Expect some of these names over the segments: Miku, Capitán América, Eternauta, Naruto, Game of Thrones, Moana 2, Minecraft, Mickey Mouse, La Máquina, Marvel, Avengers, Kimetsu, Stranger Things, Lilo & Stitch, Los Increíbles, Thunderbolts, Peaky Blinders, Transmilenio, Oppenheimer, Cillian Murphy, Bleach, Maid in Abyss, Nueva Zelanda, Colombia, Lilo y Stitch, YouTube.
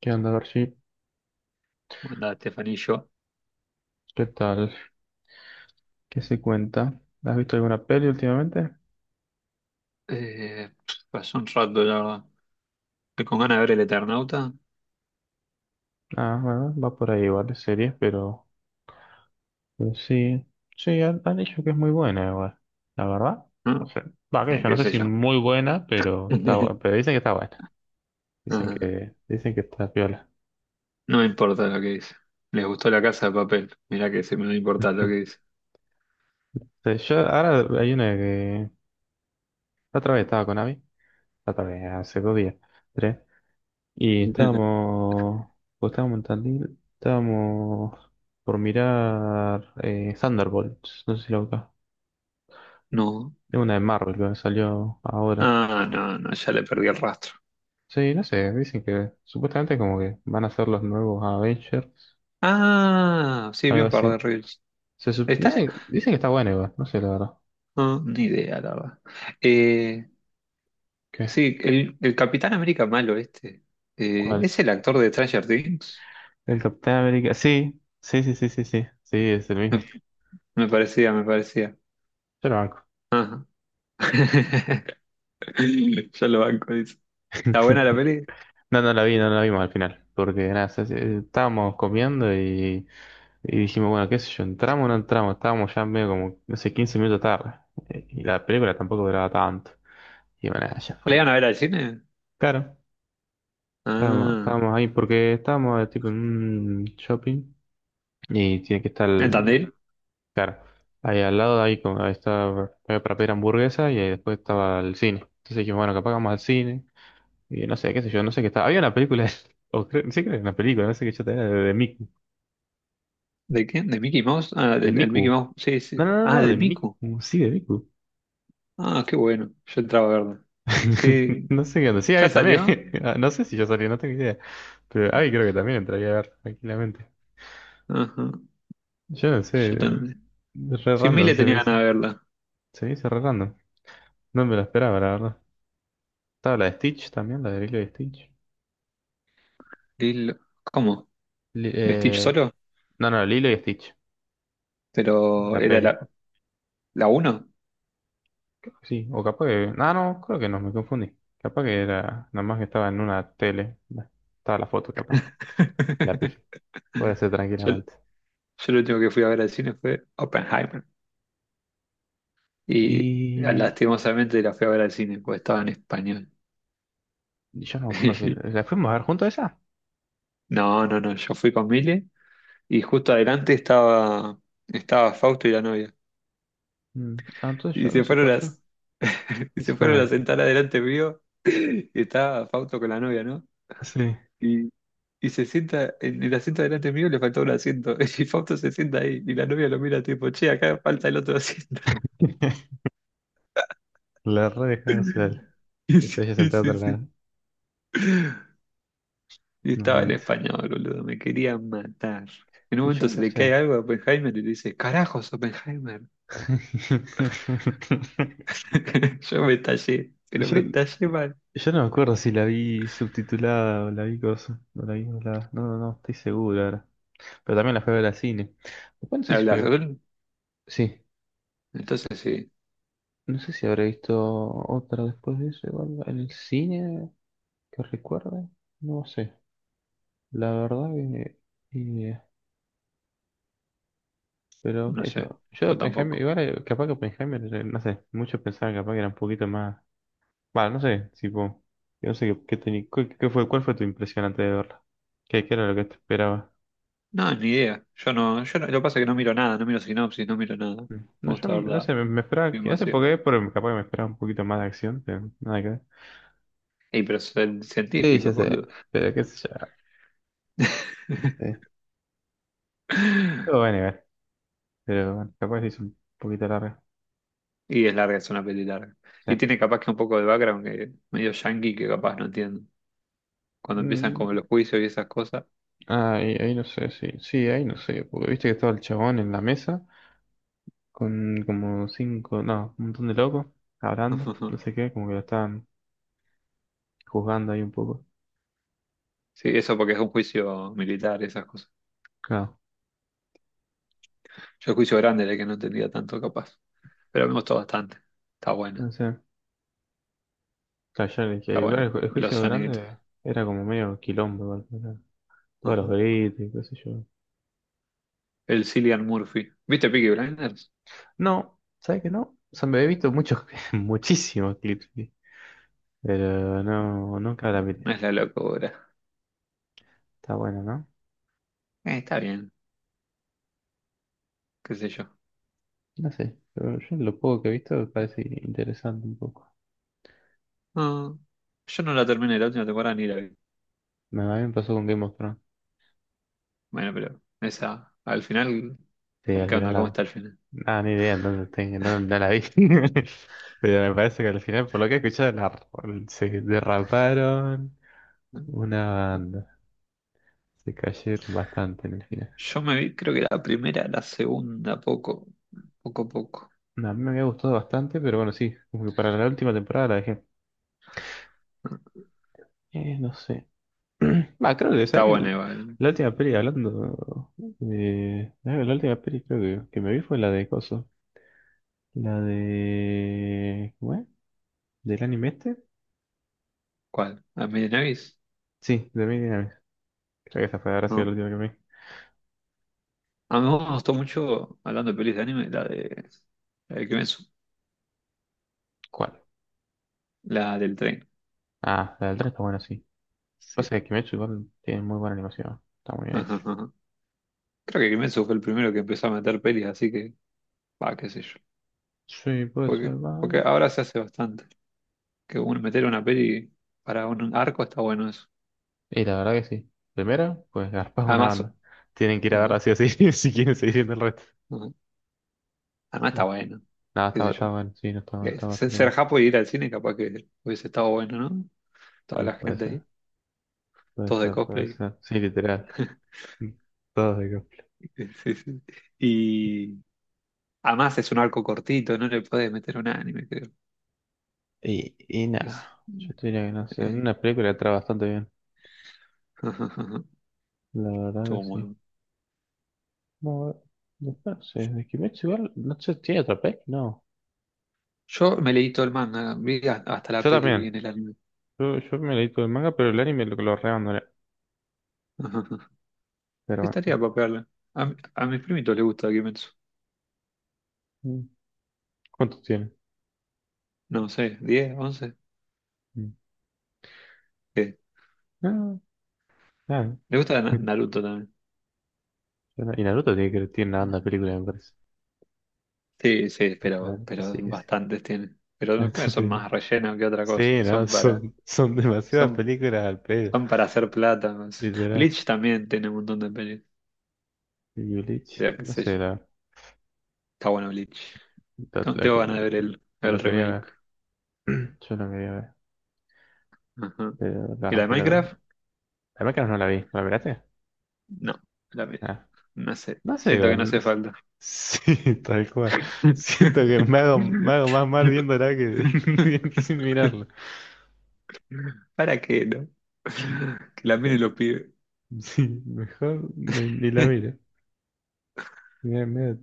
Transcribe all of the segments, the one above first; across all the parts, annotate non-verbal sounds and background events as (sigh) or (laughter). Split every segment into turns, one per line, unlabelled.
¿Qué onda, Garchi?
Bueno, Estefanía.
¿Qué tal? ¿Qué se cuenta? ¿Has visto alguna peli últimamente?
Eh, Pasó un rato, la verdad. Estoy con ganas de ver el Eternauta,
Ah, bueno, va por ahí igual de series, pero sí. Sí, han dicho que es muy buena igual. La verdad, no
¿no?
sé. Va, que yo no
Qué
sé
sé
si
yo.
muy buena, pero pero
(laughs)
dicen que está buena.
Ah, no,
Dicen que está piola.
no me importa lo que dice. Les gustó La Casa de Papel. Mirá que se me no
(laughs)
importa lo que
Ujú.
dice.
Yo ahora hay una que... La otra vez estaba con Abby. La otra vez, hace dos días. Tres. Y
(laughs)
estábamos, o estábamos en Tandil, estábamos por mirar Thunderbolts, no sé si lo buscas.
No.
Es una de Marvel que salió ahora.
Ah, no, no, ya le perdí el rastro.
Sí, no sé, dicen que supuestamente como que van a ser los nuevos Avengers,
Ah, sí, vi
algo
un par
así.
de reels. ¿Está?
Dicen que está bueno igual, no sé la verdad.
No, ni idea, la verdad. Eh,
¿Qué?
sí, el Capitán América malo este.
¿Cuál?
¿Es el actor de Stranger Things?
El Capitán América, sí, sí, sí, sí, sí, sí, sí, es el
Me,
mismo.
me parecía, me parecía.
Yo lo banco.
Ajá. (laughs) Yo lo banco, dice. ¿Está buena la
(laughs)
peli?
No, no la vi, no la vimos al final, porque nada, estábamos comiendo y dijimos, bueno, qué sé yo, entramos o no entramos, estábamos ya medio como, no sé, 15 minutos tarde, y la película tampoco duraba tanto, y bueno, nada, ya
¿La iban
fue.
a ver al cine?
Claro,
Ah,
estábamos ahí porque estábamos tipo en un shopping y tiene que estar,
¿entendí?
claro, ahí al lado, ahí, como, ahí estaba, había para pedir hamburguesa y ahí después estaba el cine. Entonces dijimos, bueno, capaz que vamos al cine. Y no sé, qué sé yo, no sé qué está. Había una película, (laughs) o creo, sí creo que era una película, no sé qué yo tenía, de Miku.
¿De quién? ¿De Mickey Mouse? Ah,
De
del Mickey
Miku.
Mouse, sí,
No,
sí.
no, no,
Ah,
no,
de
de
Miku.
Miku. Sí, de Miku.
Ah, qué bueno. Yo entraba a verla.
(laughs)
Sí,
No sé qué onda. Sí,
¿ya
Abby también.
salió?
(laughs) Ah, no sé si yo salí, no tengo idea. Pero Abby creo que también entraría a ver tranquilamente.
Ajá,
Yo no
yo
sé.
también.
Re
Sí,
random
Mile
se me
tenía ganas
hizo.
de verla.
Se me hizo re random. No me lo esperaba, la verdad. Estaba la de Stitch también, la de Lilo y Stitch.
Lilo- ¿Cómo?
Li-
¿Stitch
eh,
solo?
no, no, Lilo y Stitch.
Pero
La
era
peli.
la uno.
Creo que sí, o capaz que... Ah, no, creo que no, me confundí. Capaz que era... Nada más que estaba en una tele. Bueno, estaba la foto, capaz. La pifé.
(laughs)
Puede ser
Yo,
tranquilamente.
yo lo último que fui a ver al cine fue Oppenheimer. Y
Y...
lastimosamente la fui a ver al cine, porque estaba en español.
Yo no me acuerdo si...
(laughs)
¿La fuimos a ver juntos esa?
No, no, no, yo fui con Mile y justo adelante estaba Fausto y la novia.
Mm, Ah, entonces
Y
yo no sé, pues yo...
(laughs) y
Y se
se
fueron
fueron a
ahí.
sentar adelante mío y estaba Fausto con la novia, ¿no?
Sí.
Y, y se sienta en el asiento adelante mío, le faltó un asiento. (laughs) Y Fausto se sienta ahí y la novia lo mira tipo, che, acá falta el otro asiento.
(laughs) La re dejaron hacer.
(laughs)
Que se haya
Sí,
sentado
sí,
atrás.
sí. Y
No,
estaba en
amiguito.
español, boludo, me querían matar. En un
Y yo
momento se
no
le cae
sé.
algo a Oppenheimer y le dice, carajos, Oppenheimer.
(laughs)
(laughs) Yo me estallé, pero me
Yo,
estallé mal.
yo no me acuerdo si la vi subtitulada o la vi cosa. O la vi doblada. No, no, no, estoy seguro ahora. Pero también la fui a ver al cine. Después no sé si
¿Hablas
fui-
él?
sí,
Entonces sí,
no sé si habré visto otra después de eso, igual en el cine que recuerde, no sé. La verdad que eh, pero
no
qué sé
sé,
yo, yo de
yo
Oppenheimer,
tampoco.
igual capaz que Oppenheimer, no sé, muchos pensaban capaz que era un poquito más, bueno, no sé, tipo, yo no sé qué, qué fue, cuál fue tu impresión antes de verla, qué era lo que te esperaba.
No, ni idea. Yo no, yo no- Lo que pasa es que no miro nada, no miro sinopsis, no miro nada.
Mm. No,
Me
yo
gusta
no
verla
sé, me esperaba,
bien
no sé
vacío.
por qué, pero capaz que me esperaba un poquito más de acción, pero nada que ver.
Ey, pero son
Sí, ya
científicos,
sé,
boludo.
pero qué sé yo.
(laughs)
Sí. Todo va a nivel, pero bueno, capaz es un poquito larga.
Y es larga, es una peli larga.
Sí.
Y tiene capaz que un poco de background que medio yankee que capaz no entiendo. Cuando empiezan
Mm,
como los juicios y esas cosas.
ahí no sé, sí, sí, ahí no sé, porque viste que estaba el chabón en la mesa con como cinco, no, un montón de locos
(laughs)
hablando,
Ujú.
no sé qué, como que lo estaban juzgando ahí un poco.
Sí, eso porque es un juicio militar y esas cosas.
Claro,
Yo el juicio grande era el que no entendía tanto capaz, pero me gustó bastante. Está
no
buena,
sé. Claro, ya le
está
dije, igual
buena.
el
Los
juicio
soniditos.
grande era como medio quilombo, igual, o sea, todos los
Ujú.
gritos y qué sé yo.
El Cillian Murphy. ¿Viste Peaky Blinders?
No, ¿sabes qué no? O sea, me he visto muchos, (laughs) muchísimos clips. Sí. Pero no, nunca la miré.
No es la locura.
Está bueno, ¿no?
Está bien, qué sé yo.
No sé, pero yo lo poco que he visto me parece interesante un poco.
No, yo no la terminé la última temporada ni la vi.
A mí me pasó con Game of Thrones.
Bueno, pero esa, al final,
Sí, al
¿qué
final
onda? ¿Cómo está
la...
el final?
Ah, ni idea en dónde, tengo, en dónde la vi. (laughs) Pero me parece que al final, por lo que he escuchado, se derraparon
¿No?
una banda. Se cayeron bastante en el final.
Yo me vi, creo que la primera, la segunda, poco, poco, poco.
No, a mí me había gustado bastante, pero bueno, sí, como que para la última temporada la dejé. No sé. Bah, creo que,
Está
¿sabes?
buena igual.
La última peli hablando de... la última peli creo que me vi fue la de Coso. La de... ¿Cómo es? ¿Del anime este?
¿Cuál? ¿A Davis?
Sí, de Maid in Abyss. Creo que esa fue, habrá sido la
No.
última que me vi.
A mí me gustó mucho, hablando de pelis de anime, la de Kimetsu,
¿Cuál?
la del tren.
Ah, la del 3 está buena, sí.
Sí.
Pasa que Kimetsu igual tiene muy buena animación. Está muy bien
Ajá,
hecho.
ajá. Creo que Kimetsu fue el primero que empezó a meter pelis, así que, va, qué sé yo.
Sí, puede ser,
Porque,
va.
porque ahora se hace bastante. Que uno meter una peli para un arco está bueno eso.
Y la verdad que sí. Primero, pues garpas una
Además,
banda. Tienen que ir a verla
ajá,
así o así (laughs) si quieren seguir viendo el resto.
ajá. Además
Sí.
está bueno,
Nada,
qué sé yo.
está bueno, sí, no está bueno,
Eh,
está
Ser,
bastante
ser
bueno.
japo y ir al cine capaz que hubiese estado bueno, ¿no? Toda
Y
la
puede
gente
ser.
ahí,
Puede
todos de
ser, puede
cosplay.
ser. Sí, literal.
(laughs)
Mm, todos de cosplay.
Sí, sí. Y además es un arco cortito, no le puedes meter un anime.
Y
que es-
nada, yo te diría que no sé.
eh,
Una película está bastante bien.
(laughs) ajá, ajá.
La verdad
Estuvo muy
que sí.
bueno.
No, después no sé. De Kimetsu igual, no sé, ¿tiene otra peli? No.
Yo me leí todo el manga, hasta la
Yo
peli, vi
también.
en el anime.
Yo me leí todo el manga, pero el anime lo reabandoné.
(laughs) Ajá, ajá.
Pero bueno.
Estaría para pegarla. A mis primitos les gusta Kimetsu.
Mm. ¿Cuántos tiene?
No sé, 10 11.
Mm.
¿Qué?
No, nada.
Le gusta Na-
(laughs)
Naruto también.
Yo no- Y Naruto tiene que tiene una banda de película, me parece.
Sí, sí, pero,
Naruto sí
pero
que sí.
bastantes tienen. Pero
(laughs)
no creo que no
Naruto
son
tiene-
más rellenos que otra cosa.
Sí, no, son demasiadas
Son,
películas al pedo,
son para hacer plata. Más.
literal.
Bleach también tiene un montón de pelis.
Yulich,
Ya qué
no
sé yo.
sé,
Está bueno Bleach. No,
la
tengo
que-
ganas de ver el
lo quería
remake.
ver. (clears throat) Yo lo quería ver.
Ajá.
Pero la
¿Y la de
arranqué la.
Minecraft?
La Máquina no la vi. ¿La miraste?
No, la vez.
Ah,
No sé.
no sé,
Siento que no
igual.
hace falta.
Sí, (laughs) tal cual. Siento que me hago más mal viéndola que (laughs) sin
(laughs)
mirarla.
¿Para qué, no? Que la
Mejor-
miren los pibes.
Sí, mejor no- ni la
(laughs)
miro. Me, me,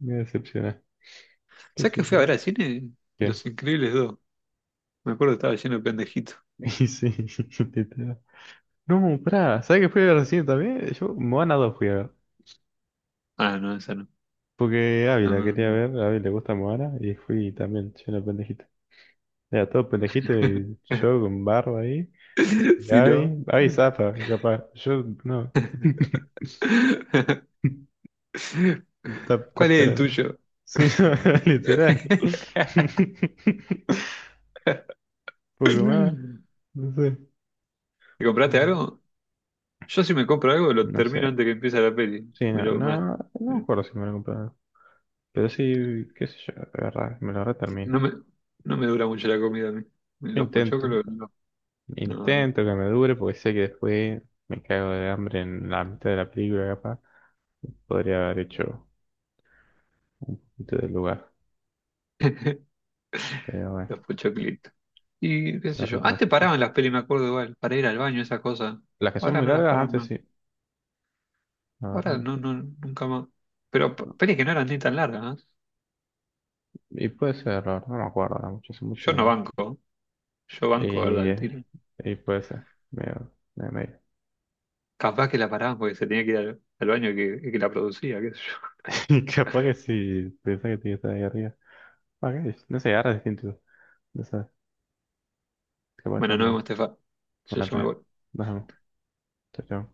me decepciona. ¿Qué
¿Sabes qué
sé
fui a
yo?
ver al cine?
¿Qué?
¿Los Increíbles 2? Me acuerdo que estaba lleno de pendejitos.
(laughs) Y sí, (laughs) literal. No, pará, ¿sabes qué fui a ver recién también? Yo, Moana 2 fui a ver.
Ah, no, esa no.
Porque
No,
Ávila
no,
quería
no.
ver, a Ávila le gusta Moana y fui también lleno de pendejitos. Era todo pendejito y
(laughs)
yo con barba ahí.
Si no.
Gaby
(laughs)
zafa, capaz. Yo no. (laughs) Está
¿Cuál es el
pero-
tuyo?
Sí,
(laughs)
(laughs) no, literal. (laughs) Poco más. No sé.
¿Te compraste
No,
algo? Yo si me compro algo lo
no
termino
sé.
antes que empiece la peli.
Sí,
Me
no,
lo- más-
no, no me acuerdo si me lo compraron. Pero sí, qué sé yo, agarrar, me lo reterminé.
no me, no me dura mucho la comida a mí.
Yo
Los
intento.
pochoclos, no, no, no.
Intento que me dure porque sé que después me cago de hambre en la mitad de la película, capaz. Podría haber hecho un poquito del lugar.
(laughs)
Pero bueno,
Los pochoclitos. Y qué
qué
sé yo.
rico los
Antes
pachecos.
paraban las pelis, me acuerdo igual, para ir al baño, esas cosas.
Las que son
Ahora
muy
no las
largas
paran
antes
más.
sí. La
Ahora
verdad
no,
que sí.
no, nunca más. Pero
No.
pelis que no eran ni tan largas, ¿eh?
Y puede ser, la verdad, no me acuerdo ahora mucho, hace mucho
Yo
que
no
no.
banco. Yo banco, ¿verdad?
Y,
Al
eh,
tiro.
y puede ser, medio, medio, medio.
Capaz que la paraban porque se tenía que ir al baño que la producía, qué sé yo.
(laughs) Y capaz que si pensás que tiene que estar ahí arriba. Ah, qué No sé, ahora es distinto. No sé, capaz está
Bueno, nos
más.
vemos, Estefa. Yo,
Bueno,
yo
está
me
bien.
voy.
Nos vemos. Chao, chao.